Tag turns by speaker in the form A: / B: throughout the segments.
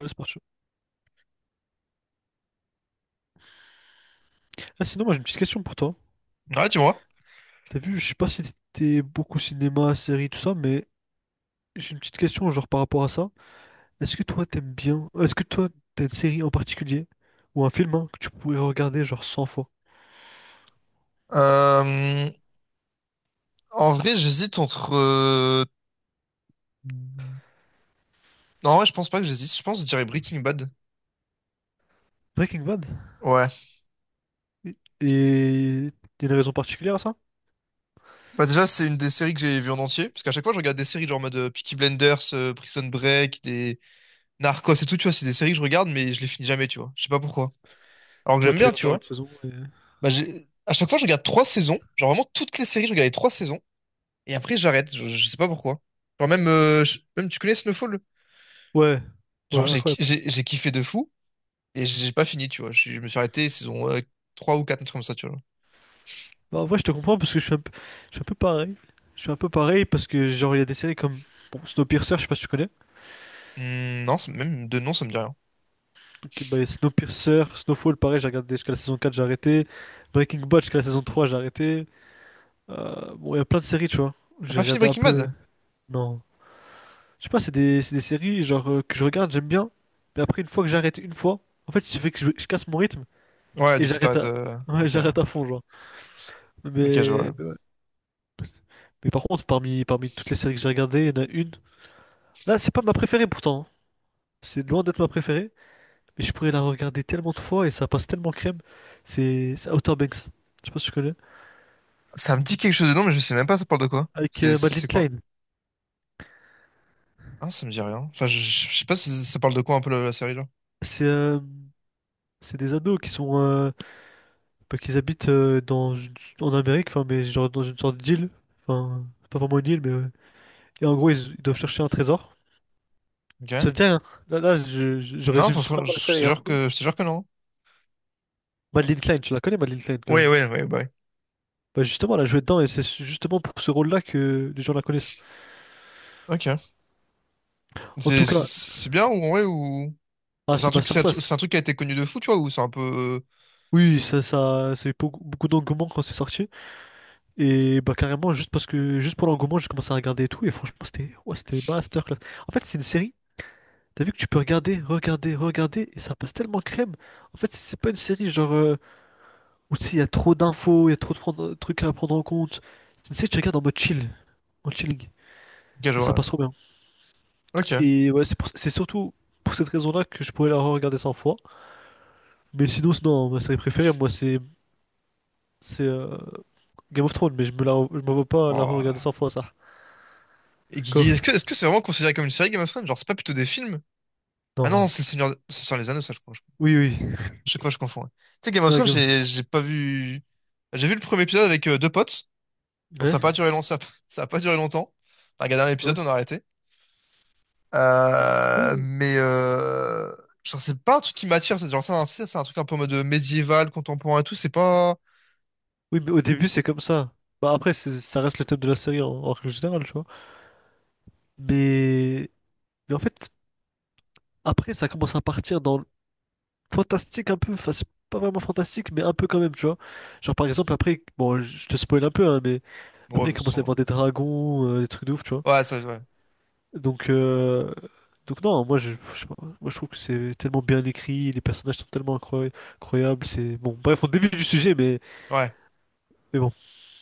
A: Ouais, c'est parti. Ah, sinon, moi j'ai une petite question pour toi.
B: Ouais, tu vois.
A: T'as vu, je sais pas si t'étais beaucoup cinéma, série, tout ça, mais j'ai une petite question genre par rapport à ça. Est-ce que toi t'aimes bien, est-ce que toi t'as une série en particulier ou un film hein, que tu pourrais regarder genre 100 fois?
B: Euh, en vrai, j'hésite entre. Non, ouais, je pense pas que j'hésite. Je pense que je dirais Breaking Bad.
A: Breaking Bad?
B: Ouais.
A: Et y a une raison particulière à ça?
B: Bah déjà, c'est une des séries que j'ai vues en entier. Parce qu'à chaque fois, je regarde des séries genre en mode Peaky Blinders, Prison Break, des Narcos et tout, tu vois. C'est des séries que je regarde, mais je les finis jamais, tu vois. Je sais pas pourquoi. Alors que
A: Ouais,
B: j'aime
A: tu
B: bien,
A: regardes
B: tu
A: genre
B: vois.
A: une saison et...
B: À chaque fois, je regarde trois saisons. Genre vraiment toutes les séries, je regarde les trois saisons. Et après, j'arrête. Je sais pas pourquoi. Genre même, même tu connais Snowfall?
A: Ouais, ouais,
B: Genre j'ai,
A: incroyable.
B: j'ai j'ai kiffé de fou. Et j'ai pas fini, tu vois. Je me suis arrêté saison 3 ou 4 un truc comme ça, tu vois.
A: Bah, en vrai, je te comprends parce que je suis un peu, je suis un peu pareil. Je suis un peu pareil parce que genre il y a des séries comme bon, Snowpiercer, je sais pas si tu connais.
B: Hmm, non, même de nom, ça me dit rien.
A: Ok, bah, et Snowpiercer, Snowfall, pareil, j'ai regardé jusqu'à la saison 4, j'ai arrêté. Breaking Bad jusqu'à la saison 3, j'ai arrêté. Bon, il y a plein de séries, tu vois.
B: T'as
A: J'ai
B: pas fini
A: regardé un
B: Breaking
A: peu.
B: Bad?
A: Non. Je sais pas, c'est des séries genre que je regarde, j'aime bien. Mais après, une fois que j'arrête une fois, en fait, il fait que je casse mon rythme
B: Ouais,
A: et
B: du coup,
A: j'arrête
B: t'arrêtes.
A: à... ouais,
B: Ok,
A: j'arrête à fond, genre.
B: ok, je
A: Mais
B: vois.
A: ouais. Mais par contre, parmi toutes les séries que j'ai regardées, il y en a une. Là, c'est pas ma préférée pourtant, hein. C'est loin d'être ma préférée. Mais je pourrais la regarder tellement de fois et ça passe tellement crème. C'est Outer Banks. Je sais pas si tu connais.
B: Ça me dit quelque chose de nom, mais je sais même pas ça parle de quoi.
A: Avec Madeleine
B: C'est
A: Klein.
B: quoi? Ah, ça me dit rien. Enfin, je sais pas si ça parle de quoi un peu la série là.
A: C'est c'est des ados qui sont bah, qu'ils habitent dans une... en Amérique, enfin mais genre dans une sorte d'île, enfin c'est pas vraiment une île mais ouais. Et en gros ils doivent chercher un trésor.
B: Ok.
A: Ça te dit rien. Là, je
B: Non,
A: résume super mal la
B: je te
A: série, hein.
B: jure que, je te jure que non.
A: Madeleine Klein, tu la connais Madeleine Klein quand
B: Ouais,
A: même.
B: ouais, ouais, bah ouais.
A: Bah justement elle a joué dedans et c'est justement pour ce rôle-là que les gens la connaissent.
B: Ok.
A: En tout
B: C'est c'est-
A: cas,
B: c'est bien ou ouais ou.
A: ah c'est masterclass.
B: C'est un truc qui a été connu de fou, tu vois, ou c'est un peu.
A: Oui, ça a eu beaucoup beaucoup d'engouement quand c'est sorti. Et bah carrément juste parce que juste pour l'engouement j'ai commencé à regarder et tout et franchement c'était ouais, c'était masterclass. En fait c'est une série, t'as vu que tu peux regarder, regarder, regarder et ça passe tellement crème. En fait c'est pas une série genre où tu sais il y a trop d'infos, il y a trucs à prendre en compte. C'est une série que tu regardes en mode chill, en chilling
B: Ok, je
A: et ça passe
B: vois.
A: trop bien.
B: Ok.
A: Et c'est surtout pour cette raison-là que je pourrais la regarder 100 fois. Mais sinon hein, ma série préférée moi c'est Game of Thrones mais je me vois pas la
B: Oh.
A: regarder 100 fois ça.
B: Et
A: Quoi?
B: Guigui, est-ce que c'est vraiment considéré comme une série Game of Thrones? Genre, c'est pas plutôt des films? Ah non,
A: Non.
B: c'est le Seigneur, c'est sur les Anneaux, ça, je crois.
A: Oui oui.
B: Chaque fois, je confonds, ouais. Tu sais, Game of
A: Non,
B: Thrones,
A: Game-
B: j'ai pas vu. J'ai vu le premier épisode avec deux potes. Bon,
A: Ouais,
B: ça a pas duré long, ça, ça a pas duré longtemps. On a regardé un épisode,
A: ouais.
B: on a arrêté. Euh,
A: Mm.
B: mais euh, genre, c'est pas un truc qui m'attire. C'est genre, c'est un truc un peu en mode médiéval, contemporain et tout. C'est pas.
A: Oui, mais au début, c'est comme ça. Bah, après, c'est... ça reste le thème de la série en, en règle générale, tu vois. Mais, mais en fait, après, ça commence à partir dans le fantastique un peu. Enfin, c'est pas vraiment fantastique, mais un peu quand même, tu vois. Genre, par exemple, après, bon, je te spoil un peu, hein, mais
B: Bon, ouais,
A: après, il
B: de toute
A: commence à y
B: façon.
A: avoir des dragons, des trucs de ouf, tu vois.
B: Ouais, ça, ouais.
A: Donc, euh, donc non, moi, je sais pas, moi, je trouve que c'est tellement bien écrit, les personnages sont tellement incroyables. C'est bon, bref, on débute du sujet,
B: Ouais.
A: mais bon.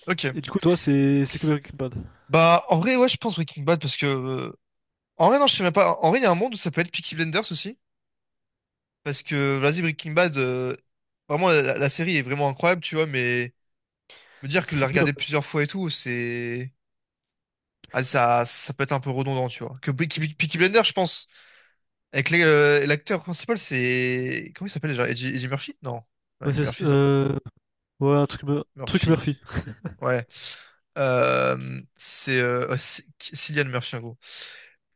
B: Ok.
A: Et du coup, toi, c'est Kubrick Kidman.
B: Bah, en vrai, ouais, je pense Breaking Bad parce que. En vrai, non, je sais même pas. En vrai, il y a un monde où ça peut être Peaky Blinders aussi. Parce que, vas-y, Breaking Bad, vraiment, la série est vraiment incroyable, tu vois, mais me dire que
A: Ça
B: de la
A: fait vieux un
B: regarder
A: peu.
B: plusieurs fois et tout, c'est. Ah, ça peut être un peu redondant, tu vois. Que Peaky Blinders, je pense, avec l'acteur principal, c'est. Comment il s'appelle déjà? Eddie Murphy? Non. Non,
A: Ouais,
B: Eddie Murphy.
A: ouais, un truc, truc
B: Murphy.
A: Murphy.
B: Ouais. C'est. Ouais, Cillian Murphy, en gros.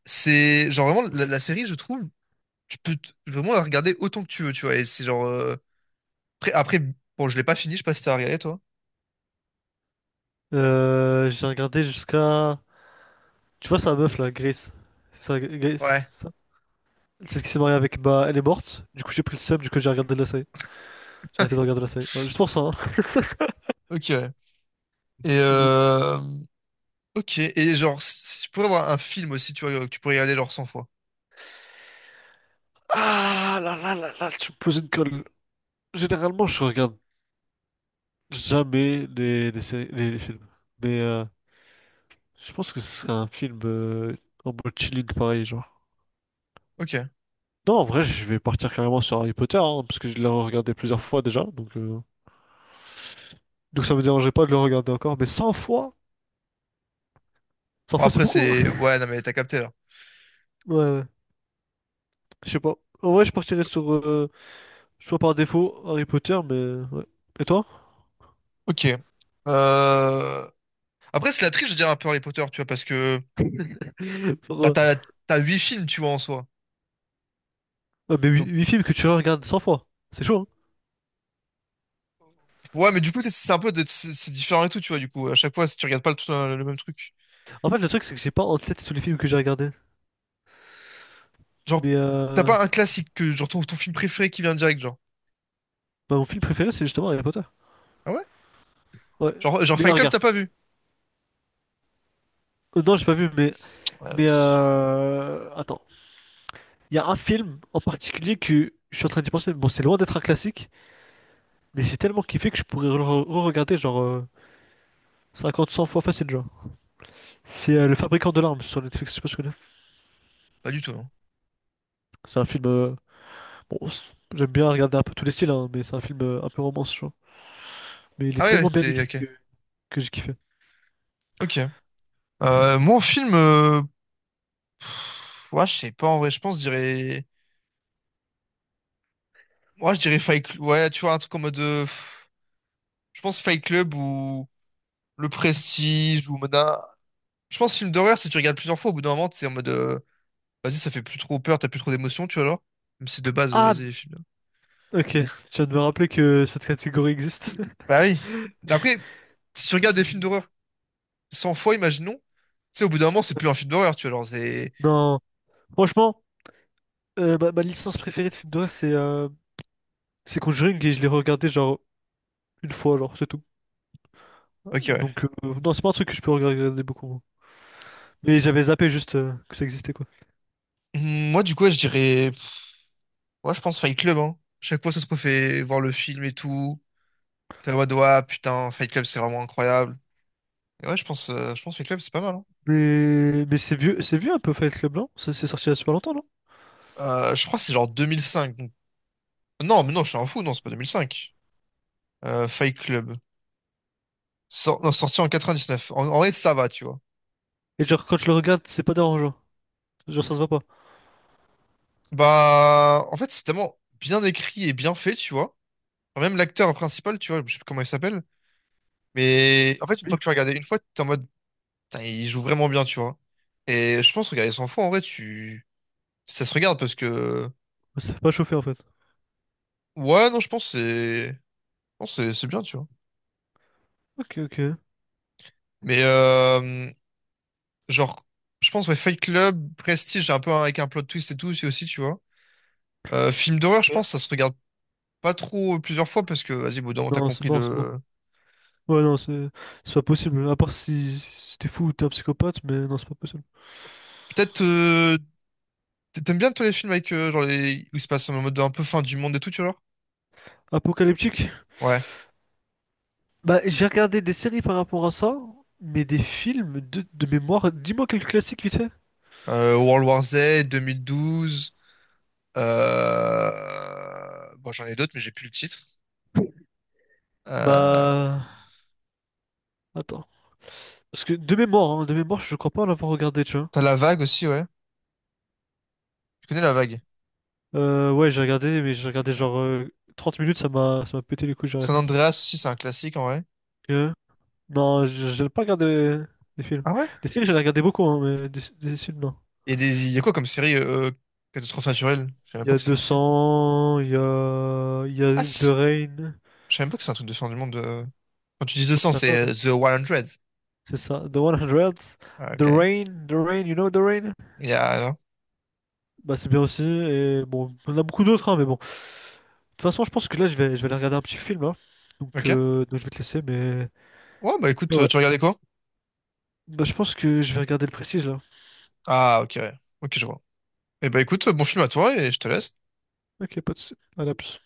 B: C'est genre vraiment la série, je trouve, vraiment la regarder autant que tu veux, tu vois. Et c'est genre après, bon, je l'ai pas fini, je sais pas si t'as regardé toi.
A: J'ai regardé jusqu'à. Tu vois, sa meuf là, Grace. C'est ça, Grace,
B: Ouais.
A: ça. C'est ce qui s'est marié avec. Bah, elle est morte. Du coup, j'ai pris le seum, du coup, j'ai regardé la série. J'ai arrêté de regarder la série. Ouais, juste pour ça, hein.
B: Ok. ouais. Et
A: Donc...
B: euh... Ok. Et genre, si tu pourrais avoir un film aussi, tu vois, que tu pourrais regarder genre 100 fois.
A: Ah là là là là, tu me poses une colle. Généralement, je regarde jamais les, les séries, les films. Mais je pense que ce serait un film en mode chilling pareil, genre.
B: Ok.
A: Non, en vrai, je vais partir carrément sur Harry Potter, hein, parce que je l'ai regardé plusieurs fois déjà, donc, donc ça me dérangerait pas de le regarder encore, mais 100
B: Bon,
A: fois c'est
B: après,
A: beaucoup, hein.
B: c'est... Ouais, non, mais t'as capté, là.
A: Ouais, ouais, je sais pas. En vrai, je partirais sur, choix par défaut, Harry Potter, mais ouais. Et toi?
B: Ok. Euh... Après, c'est la triche, je dirais, un peu Harry Potter, tu vois, parce que...
A: Sur,
B: Bah, t'as 8 films, tu vois, en soi.
A: ouais, mais
B: Donc,
A: 8 films que tu regardes 100 fois, c'est chaud, hein.
B: ouais, mais du coup, c'est un peu... C'est différent et tout, tu vois, du coup. À chaque fois, si tu regardes pas le même truc.
A: En fait, le truc, c'est que j'ai pas en tête tous les films que j'ai regardés.
B: Genre,
A: Mais
B: t'as pas un classique que... Genre, ton film préféré qui vient direct, genre.
A: bah, mon film préféré, c'est justement Harry Potter.
B: Ah ouais?
A: Ouais.
B: Genre,
A: Mais
B: Fight Club,
A: regarde,
B: t'as pas vu?
A: Non, j'ai pas vu,
B: Ouais, bah,
A: mais attends. Il y a un film en particulier que je suis en train d'y penser. Bon, c'est loin d'être un classique, mais j'ai tellement kiffé que je pourrais le re-regarder genre cinquante, cent fois facile, genre. C'est Le Fabricant de larmes sur Netflix, je sais pas si tu connais.
B: pas du tout, non.
A: C'est un film, bon, j'aime bien regarder un peu tous les styles, hein, mais c'est un film un peu romance, genre. Mais il est
B: Ah ouais, ouais,
A: tellement bien
B: t'es...
A: écrit
B: Ok.
A: que j'ai kiffé.
B: Ok. Moi, en film, pff, ouais, je sais pas, en vrai, je pense, je dirais, moi, je dirais Fight Club, ouais, tu vois, un truc en mode, pff, je pense Fight Club ou Le Prestige ou Mona. Je pense film d'horreur, si tu regardes plusieurs fois, au bout d'un moment, t'es en mode, vas-y, ça fait plus trop peur, t'as plus trop d'émotions, tu vois, alors. Même si de base,
A: Ah,
B: vas-y, les films.
A: ok, tu viens de me rappeler que cette catégorie existe.
B: Bah oui. Mais après, si tu regardes des films
A: Hmm.
B: d'horreur 100 fois, imaginons, tu sais, au bout d'un moment, c'est plus un film d'horreur, tu vois, alors c'est,
A: Non, franchement, ma licence préférée de film d'horreur, c'est Conjuring et je l'ai regardé genre une fois, genre, c'est tout.
B: ok, ouais.
A: Donc, non, c'est pas un truc que je peux regarder beaucoup, moi. Mais j'avais zappé juste que ça existait, quoi.
B: Hum. Moi, du coup, ouais, je dirais, pff, ouais, je pense Fight Club, hein. Chaque fois, ça te refait voir le film et tout. T'es en mode, ouais, putain, Fight Club, c'est vraiment incroyable. Et ouais, je pense Fight Club, c'est pas mal, hein.
A: Mais c'est vieux un peu Fight Club, non? Ça c'est sorti il y a super longtemps, non?
B: Je crois que c'est genre 2005. Non, mais non, je suis un fou, non, c'est pas 2005. Fight Club. Non, sorti en 99. En vrai, ça va, tu vois.
A: Et genre, quand je le regarde, c'est pas dérangeant. Genre, ça se voit pas.
B: Bah, en fait, c'est tellement bien écrit et bien fait, tu vois. Enfin, même l'acteur principal, tu vois, je sais plus comment il s'appelle. Mais en fait, une fois
A: Oui.
B: que tu regardes une fois, t'es en mode, putain, il joue vraiment bien, tu vois. Et je pense, regarder 100 fois, en vrai, tu... Ça se regarde parce que...
A: Ça fait pas chauffer en fait.
B: Ouais, non, je pense que c'est... Je pense que c'est bien, tu vois.
A: Ok, ok.
B: Mais genre, je pense, ouais, Fight Club, Prestige, un peu avec un plot twist et tout, c'est aussi, tu vois. Film d'horreur, je pense,
A: Ok.
B: ça se regarde pas trop plusieurs fois parce que, vas-y, bon, moment, t'as
A: Non, c'est
B: compris
A: mort, c'est mort.
B: le.
A: Ouais, non, c'est pas possible. À part si, si t'es fou ou t'es un psychopathe, mais non, c'est pas possible.
B: Peut-être, t'aimes bien tous les films avec, genre, les... où il se passe en mode un peu fin du monde et tout, tu vois, genre.
A: Apocalyptique?
B: Ouais.
A: Bah, j'ai regardé des séries par rapport à ça, mais des films de mémoire. Dis-moi quelques classiques vite fait.
B: World War Z, 2012. Bon, j'en ai d'autres, mais j'ai plus le titre. Euh...
A: Bah, attends. Parce que de mémoire, hein, de mémoire, je crois pas l'avoir regardé, tu vois.
B: T'as La Vague aussi, ouais. Tu connais La Vague?
A: Ouais, j'ai regardé, mais j'ai regardé
B: Ok.
A: genre 30 minutes, ça m'a pété les couilles, j'ai
B: San
A: arrêté.
B: Andreas aussi, c'est un classique en vrai.
A: Non, je n'ai pas regardé des films.
B: Ah ouais?
A: Des séries, j'en ai regardé beaucoup, hein, mais des films, non.
B: Et des... il y a quoi comme série catastrophe naturelle? Je savais même
A: Il y
B: pas
A: a
B: que ça
A: deux
B: existait.
A: cents, il y
B: Ah,
A: a The Rain.
B: je savais même pas que c'est un truc de fin du monde. Quand tu dis
A: Ouais,
B: The 100,
A: c'est
B: c'est
A: incroyable, hein.
B: The 100.
A: C'est ça, The 100,
B: Ah,
A: The
B: ok.
A: Rain, The Rain, you know The Rain?
B: Il y a... alors.
A: Bah, c'est bien aussi, et bon, on en a beaucoup d'autres, hein, mais bon. De toute façon, je pense que là, je vais aller regarder un petit film, hein.
B: Ok.
A: Donc, je vais te laisser,
B: Ouais, bah
A: mais
B: écoute,
A: ouais.
B: tu regardais quoi?
A: Bah, je pense que je vais regarder le prestige, là.
B: Ah, ok, ouais. Ok, je vois. Et bah écoute, bon film à toi et je te laisse.
A: Ok, pas de soucis. Allez, à plus.